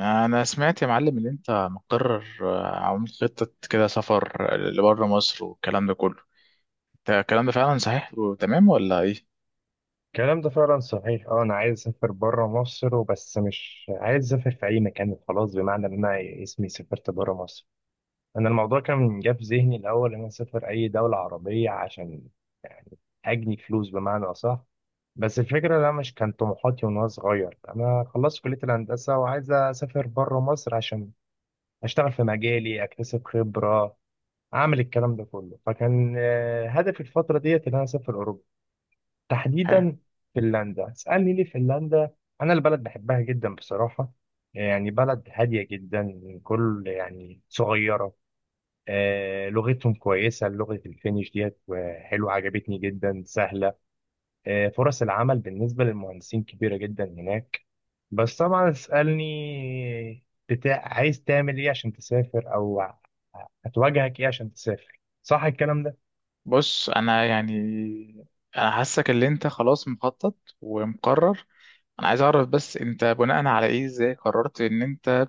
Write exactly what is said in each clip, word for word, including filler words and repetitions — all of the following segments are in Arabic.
انا سمعت يا معلم ان انت مقرر آه، عامل خطة كده سفر لبره مصر والكلام ده كله. ده الكلام ده فعلا صحيح وتمام ولا ايه؟ الكلام ده فعلا صحيح، اه انا عايز اسافر بره مصر وبس مش عايز اسافر في اي مكان خلاص، بمعنى ان انا اسمي سافرت بره مصر. انا الموضوع كان جه في ذهني الاول ان انا اسافر اي دوله عربيه عشان يعني اجني فلوس بمعنى اصح. بس الفكره ده مش كان طموحاتي وانا صغير. انا خلصت كليه الهندسه وعايز اسافر بره مصر عشان اشتغل في مجالي، اكتسب خبره، اعمل الكلام ده كله. فكان آه، هدفي الفتره ديت ان انا اسافر اوروبا، حلو. تحديدا فنلندا. اسألني ليه فنلندا؟ أنا البلد بحبها جدا بصراحة. يعني بلد هادية جدا، كل يعني صغيرة. آه لغتهم كويسة، لغة الفينيش ديت آه، حلوة، عجبتني جدا، سهلة. آه فرص العمل بالنسبة للمهندسين كبيرة جدا هناك. بس طبعا اسألني، بتاع عايز تعمل ايه عشان تسافر او هتواجهك ايه عشان تسافر؟ صح الكلام ده؟ بص انا يعني، انا حاسك ان انت خلاص مخطط ومقرر. انا عايز اعرف بس انت بناء على ايه، ازاي قررت ان انت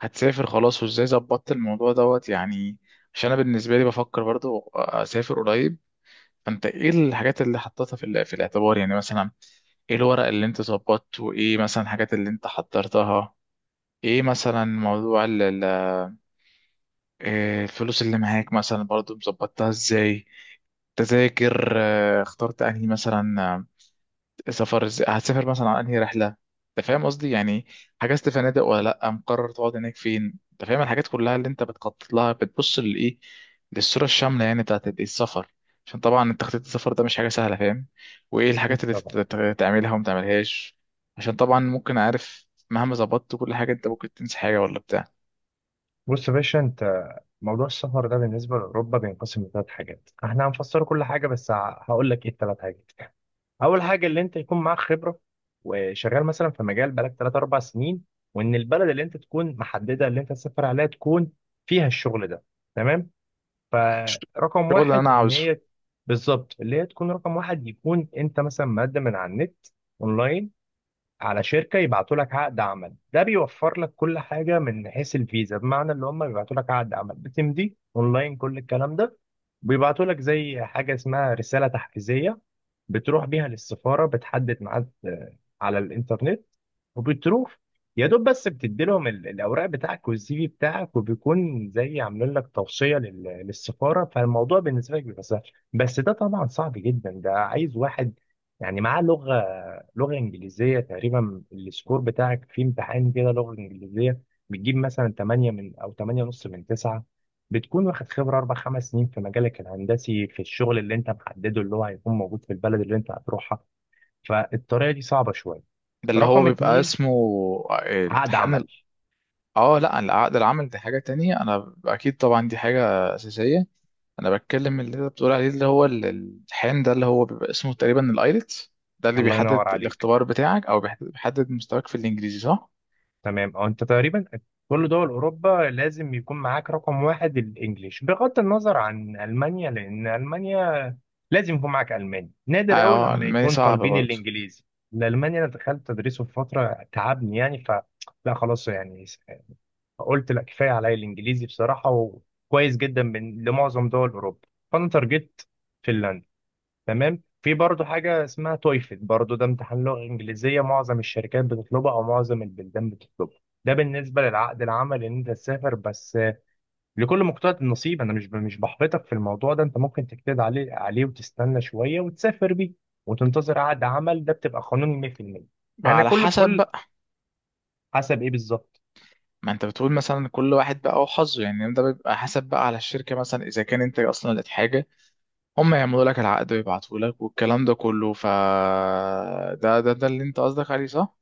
هتسافر خلاص، وازاي ظبطت الموضوع دوت يعني؟ عشان انا بالنسبة لي بفكر برضو اسافر قريب. فانت ايه الحاجات اللي حطيتها في ال- في الاعتبار؟ يعني مثلا ايه الورق اللي انت ظبطته، ايه مثلا الحاجات اللي انت حضرتها، ايه مثلا موضوع ال- ال- إيه الفلوس اللي معاك مثلا، برضو مظبطتها ازاي، تذاكر آه، اخترت انهي مثلا سفر، إز- هتسافر مثلا على انهي رحله. انت فاهم قصدي يعني؟ حجزت فنادق ولا لا، مقرر تقعد هناك فين؟ انت فاهم الحاجات كلها اللي انت بتخطط لها، بتبص للايه، للصوره الشامله يعني بتاعت الإيه؟ السفر. عشان طبعا تخطيط السفر ده مش حاجه سهله، فاهم؟ وايه الحاجات أكيد اللي تت- طبعا. تت- تعملها وما تعملهاش. عشان طبعا ممكن، عارف، مهما ظبطت كل حاجه انت ممكن تنسى حاجه ولا بتاع. بص يا باشا انت، موضوع السفر ده بالنسبه لاوروبا بينقسم لثلاث حاجات. احنا هنفسر كل حاجه، بس ه- هقول لك ايه الثلاث حاجات. اول حاجه اللي انت يكون معاك خبره وشغال مثلا في مجال بقالك تلات أربع سنين، وان البلد اللي انت تكون محدده اللي انت تسافر عليها تكون فيها الشغل ده. تمام؟ فرقم الشغل اللي واحد انا ان عاوزه. هي بالظبط، اللي هي تكون رقم واحد، يكون انت مثلا مقدم من على النت، اونلاين، على شركه يبعتوا لك عقد عمل. ده بيوفر لك كل حاجه من حيث الفيزا، بمعنى اللي هم بيبعتوا لك عقد عمل، بتمضي اونلاين كل الكلام ده، بيبعتوا لك زي حاجه اسمها رساله تحفيزيه، بتروح بيها للسفاره، بتحدد ميعاد آه، على الانترنت، وبتروح، يا دوب بس بتدي لهم ال- الاوراق بتاعك والسي في بتاعك، وبيكون زي عاملين لك توصيه لل- للسفاره، فالموضوع بالنسبه لك بيبقى سهل. بس ده طبعا صعب جدا، ده عايز واحد يعني معاه لغه، لغة إنجليزية. تقريبا السكور بتاعك في امتحان كده لغة إنجليزية بتجيب مثلا تمانية من، أو تمانية ونص من تسعة. بتكون واخد خبرة أربع خمس سنين في مجالك الهندسي في الشغل اللي أنت محدده، اللي هو هيكون موجود في البلد اللي أنت هتروحها. فالطريقة دي صعبة شوية. ده اللي هو رقم بيبقى اتنين، اسمه عقد امتحان عمل. ال- اه لا، العقد العمل دي حاجه تانية، انا اكيد طبعا دي حاجه اساسيه. انا بتكلم اللي انت بتقول عليه، اللي هو ال- الحين ده اللي هو بيبقى اسمه تقريبا الايلتس. ده اللي الله بيحدد ينور عليك. الاختبار بتاعك، او بيحدد بيحدد مستواك في الانجليزي، صح؟ تمام، او انت تقريبا كل دول اوروبا لازم يكون معاك رقم واحد الانجليش، بغض النظر عن المانيا، لان المانيا لازم يكون معاك الماني. نادر قوي اه لما الالماني يكون صعب طالبين برضه. الانجليزي. الالماني انا دخلت تدريسه في فتره، تعبني يعني، ف لا خلاص يعني، قلت لا كفايه عليا الانجليزي بصراحه، وكويس جدا من لمعظم دول اوروبا، فانا ترجت فنلندا. تمام، في برضه حاجة اسمها تويفل، برضه ده امتحان لغة إنجليزية معظم الشركات بتطلبه أو معظم البلدان بتطلبه. ده بالنسبة للعقد العمل إن أنت تسافر. بس آه، لكل مقتضى النصيب. أنا مش ب- مش بحبطك في الموضوع ده، أنت ممكن تجتهد عليه عليه وتستنى شوية وتسافر بيه وتنتظر عقد عمل. ده بتبقى قانوني مية في المية. بقى أنا على كل حسب كل بقى. حسب إيه بالظبط؟ ما انت بتقول مثلا كل واحد بقى وحظه، يعني ده بيبقى حسب بقى على الشركه، مثلا اذا كان انت اصلا لقيت حاجه هم يعملوا لك العقد ويبعتوا لك والكلام ده كله. ف ده ده ده اللي انت قصدك عليه، صح؟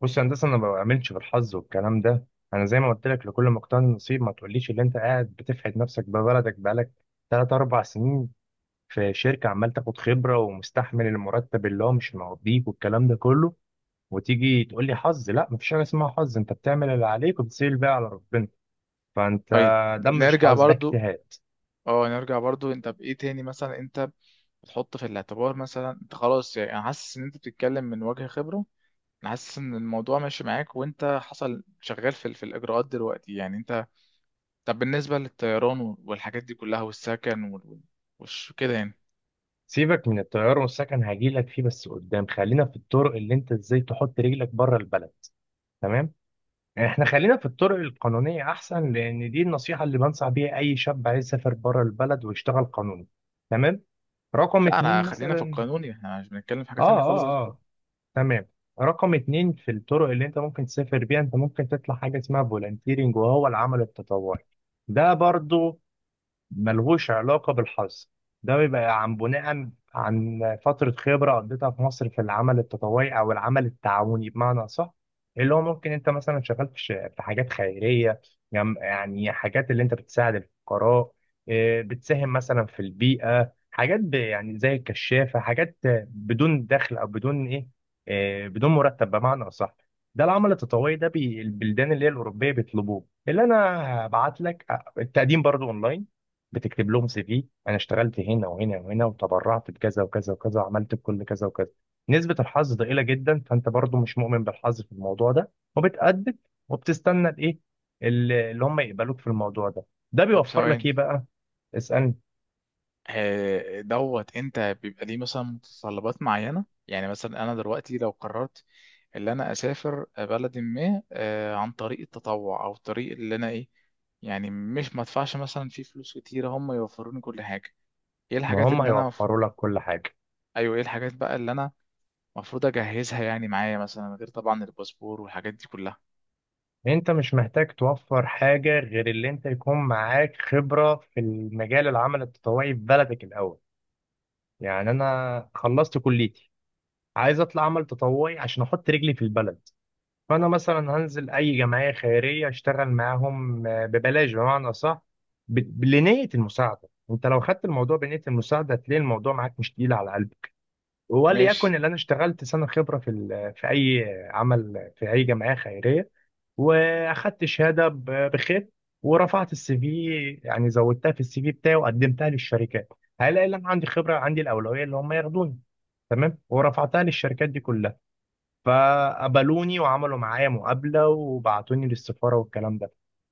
بص يا هندسة، أنا ما بعملش بالحظ والكلام ده. أنا زي ما قلت لك لكل مقتضى النصيب. ما تقوليش اللي أنت قاعد بتفحت نفسك ببلدك بقالك تلات أربع سنين في شركة عمال تاخد خبرة ومستحمل المرتب اللي هو مش مقضيك والكلام ده كله، وتيجي تقول لي حظ. لا، مفيش حاجة اسمها حظ، انت بتعمل اللي عليك وبتسيب بقى على ربنا. فانت، طيب، ده مش نرجع حظ، ده برضو. اجتهاد. اه نرجع برضو، انت بايه تاني مثلا، انت بتحط في الاعتبار مثلا؟ انت خلاص يعني، انا حاسس ان انت بتتكلم من وجه خبره، انا حاسس ان الموضوع ماشي معاك، وانت حصل شغال في ال- في الاجراءات دلوقتي يعني انت. طب بالنسبه للطيران وال- والحاجات دي كلها، والسكن وال... وال- وش كده يعني. سيبك من الطيارة والسكن، هجيلك فيه بس قدام. خلينا في الطرق اللي انت ازاي تحط رجلك بره البلد. تمام؟ يعني احنا خلينا في الطرق القانونية احسن، لان دي النصيحة اللي بنصح بيها اي شاب عايز يسافر بره البلد ويشتغل قانوني. تمام. رقم لا انا اتنين خلينا في مثلا. القانون، يعني احنا مش بنتكلم في حاجه تانية اه خالص اه. غير كده. آه. تمام. رقم اتنين، في الطرق اللي انت ممكن تسافر بيها، انت ممكن تطلع حاجة اسمها فولنتيرنج، وهو العمل التطوعي. ده برضو ملهوش علاقة بالحظ. ده بيبقى عن بناء عن فترة خبرة قضيتها في مصر في العمل التطوعي أو العمل التعاوني، بمعنى صح. اللي هو ممكن أنت مثلا شغال في ش- في حاجات خيرية، جم- يعني حاجات اللي أنت بتساعد الفقراء، إيه، بتساهم مثلا في البيئة، حاجات ب- يعني زي الكشافة. حاجات بدون دخل أو بدون إيه، إيه، بدون مرتب بمعنى أصح. ده العمل التطوعي ده، بي- البلدان اللي هي الأوروبية بيطلبوه، اللي أنا هبعت لك آه، التقديم برضو أونلاين. بتكتب لهم سي في، انا اشتغلت هنا وهنا وهنا وتبرعت بكذا وكذا وكذا وعملت بكل كذا وكذا. نسبة الحظ ضئيلة جدا، فانت برضو مش مؤمن بالحظ في الموضوع ده، وبتأدب وبتستنى الايه، ال- اللي هم يقبلوك في الموضوع ده. ده طب بيوفر لك ثواني، ايه بقى؟ اسألني. آه، دوت انت بيبقى ليه مثلا متطلبات معينة؟ يعني مثلا انا دلوقتي لو قررت ان انا اسافر بلد ما آه، عن طريق التطوع او طريق اللي انا ايه، يعني مش مدفعش مثلا فيه فلوس كتيرة، هم يوفروني كل حاجة. ايه ما الحاجات هم اللي انا مف... هيوفروا لك كل حاجة. ايوه ايه الحاجات بقى اللي انا المفروض اجهزها يعني معايا، مثلا غير طبعا الباسبور والحاجات دي كلها؟ انت مش محتاج توفر حاجة غير اللي انت يكون معاك خبرة في المجال العمل التطوعي في بلدك الاول. يعني انا خلصت كليتي، عايز اطلع عمل تطوعي عشان احط رجلي في البلد. فانا مثلا هنزل اي جمعيه خيريه اشتغل معاهم آه، ببلاش بمعنى صح، بنيه المساعده. انت لو خدت الموضوع بنيه المساعده هتلاقي الموضوع معاك مش تقيل على قلبك. ماشي. وليكن اللي انا اشتغلت سنه خبره في ال- في اي عمل في اي جمعيه خيريه، واخدت شهاده ب- بخير، ورفعت السي في، يعني زودتها في السي في بتاعي وقدمتها للشركات. هلاقي ان انا عندي خبره، عندي الاولويه اللي هم ياخدوني. تمام، ورفعتها للشركات دي كلها، فقبلوني وعملوا معايا مقابلة وبعتوني للسفارة والكلام ده.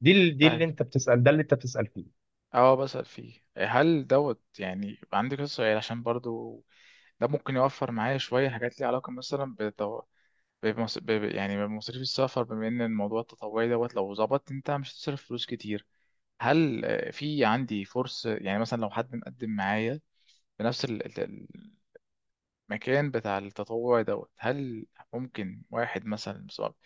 دي ال- دي اللي طيب انت بتسأل، ده اللي انت بتسأل فيه. اه، بسأل فيه. هل دوت يعني، عندي كذا سؤال عشان برضو ده ممكن يوفر معايا شوية حاجات ليها علاقة مثلا بالتو... بمص... ب... ب- يعني بمصاريف السفر. بما إن الموضوع التطوعي دوت لو ظبط أنت مش هتصرف فلوس كتير، هل آه، في عندي فرصة يعني، مثلا لو حد مقدم معايا بنفس ال- ال- المكان بتاع التطوع دوت، هل ممكن واحد مثلا مظبط،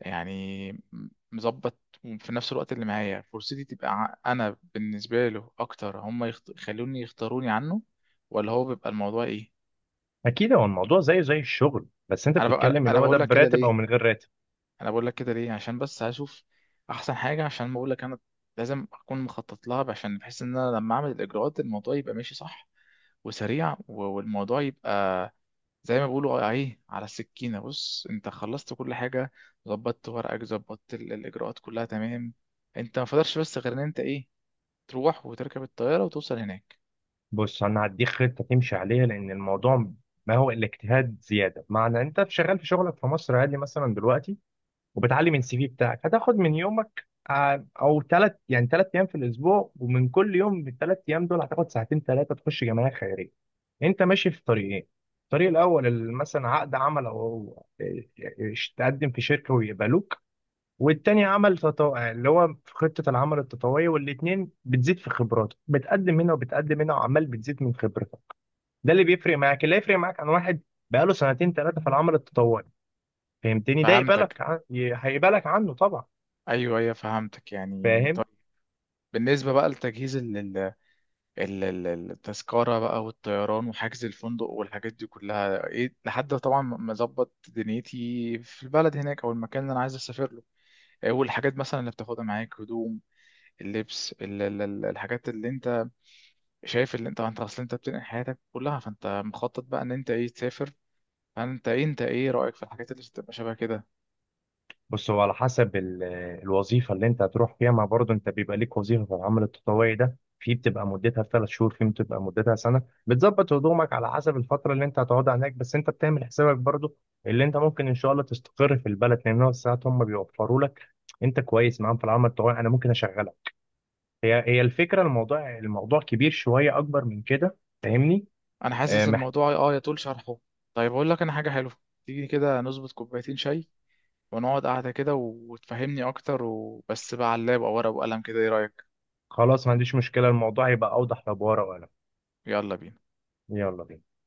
يعني م- مظبط في نفس الوقت اللي معايا، فرصتي تبقى ع- أنا بالنسبة له أكتر، هم يخت... يخلوني يختاروني عنه، ولا هو بيبقى الموضوع إيه؟ اكيد، هو الموضوع زيه زي الشغل، بس انت انا ببقى، بتتكلم اللي انا هو ده بقول لك كده براتب او من ليه غير راتب. انا بقول لك كده ليه عشان بس هشوف احسن حاجه. عشان ما اقول لك، انا لازم اكون مخطط لها، عشان بحس ان انا لما اعمل الاجراءات الموضوع يبقى ماشي صح وسريع، و- والموضوع يبقى زي ما بيقولوا ايه، على السكينه. بص انت خلصت كل حاجه، ظبطت ورقك، ظبطت ال- الاجراءات كلها تمام، انت ما فضلش بس غير ان انت ايه، تروح وتركب الطياره وتوصل هناك. بص انا هديك خطة تمشي عليها. لان الموضوع، ما هو الاجتهاد زيادة، معنى انت شغال في شغلك في مصر عادي مثلا دلوقتي، وبتعلي من السي في بتاعك، هتاخد من يومك ع- او ثلاث، يعني ثلاث ايام في الاسبوع، ومن كل يوم من الثلاث ايام دول هتاخد ساعتين ثلاثه، تخش جمعيه خيريه. انت ماشي في طريقين، الطريق الاول ال- مثلا عقد عمل، او إيش- تقدم في شركه ويقبلوك. والتاني عمل تطوعي اللي هو في خطه العمل التطوعيه. والاتنين بتزيد في خبراتك، بتقدم هنا وبتقدم هنا، وعمال بتزيد من خبرتك. ده اللي بيفرق معاك، اللي هيفرق معاك عن واحد بقاله سنتين ثلاثه في العمل التطوعي. فهمتني؟ ده فهمتك، يقبلك ع- ي- هيقبلك عنه طبعا. ايوه ايوه فهمتك يعني. طيب فاهم؟ بالنسبه بقى لتجهيز ال- ال- ال- التذكرة بقى، والطيران وحجز الفندق والحاجات دي كلها ايه، لحد طبعا ما اظبط دنيتي في البلد هناك او المكان اللي انا عايز اسافر له. إيه والحاجات مثلا اللي بتاخدها معاك، هدوم، اللبس، ال- ال- ال- الحاجات اللي انت شايف، اللي انت، انت اصلا انت بتنقل حياتك كلها، فانت مخطط بقى ان انت ايه تسافر. فانت ايه، انت ايه رأيك في الحاجات اللي بتبقى شبه كده؟ بص هو على حسب ال- الوظيفه اللي انت هتروح فيها. ما برضه انت بيبقى ليك وظيفه في العمل التطوعي ده، في بتبقى مدتها ثلاث شهور، في بتبقى مدتها سنه. بتظبط هدومك على حسب الفتره اللي انت هتقعدها هناك. بس انت بتعمل حسابك برضه اللي انت ممكن ان شاء الله تستقر في البلد، لان هو ساعات هم بيوفروا لك، انت كويس معاهم في العمل التطوعي، انا ممكن اشغلك. هي هي الفكره، الموضوع الموضوع كبير شويه، اكبر من كده. فاهمني؟ انا آه، حاسس مح- الموضوع اه يطول شرحه. طيب اقول لك انا حاجة حلوة، تيجي كده نظبط كوبايتين شاي ونقعد قعدة كده، و- وتفهمني أكتر، وبس بقى على اللاب أو ورقة وقلم كده، إيه رأيك؟ خلاص، ما عنديش مشكله، الموضوع يبقى اوضح لو بورقه وقلم. يلا بينا. يلا بينا.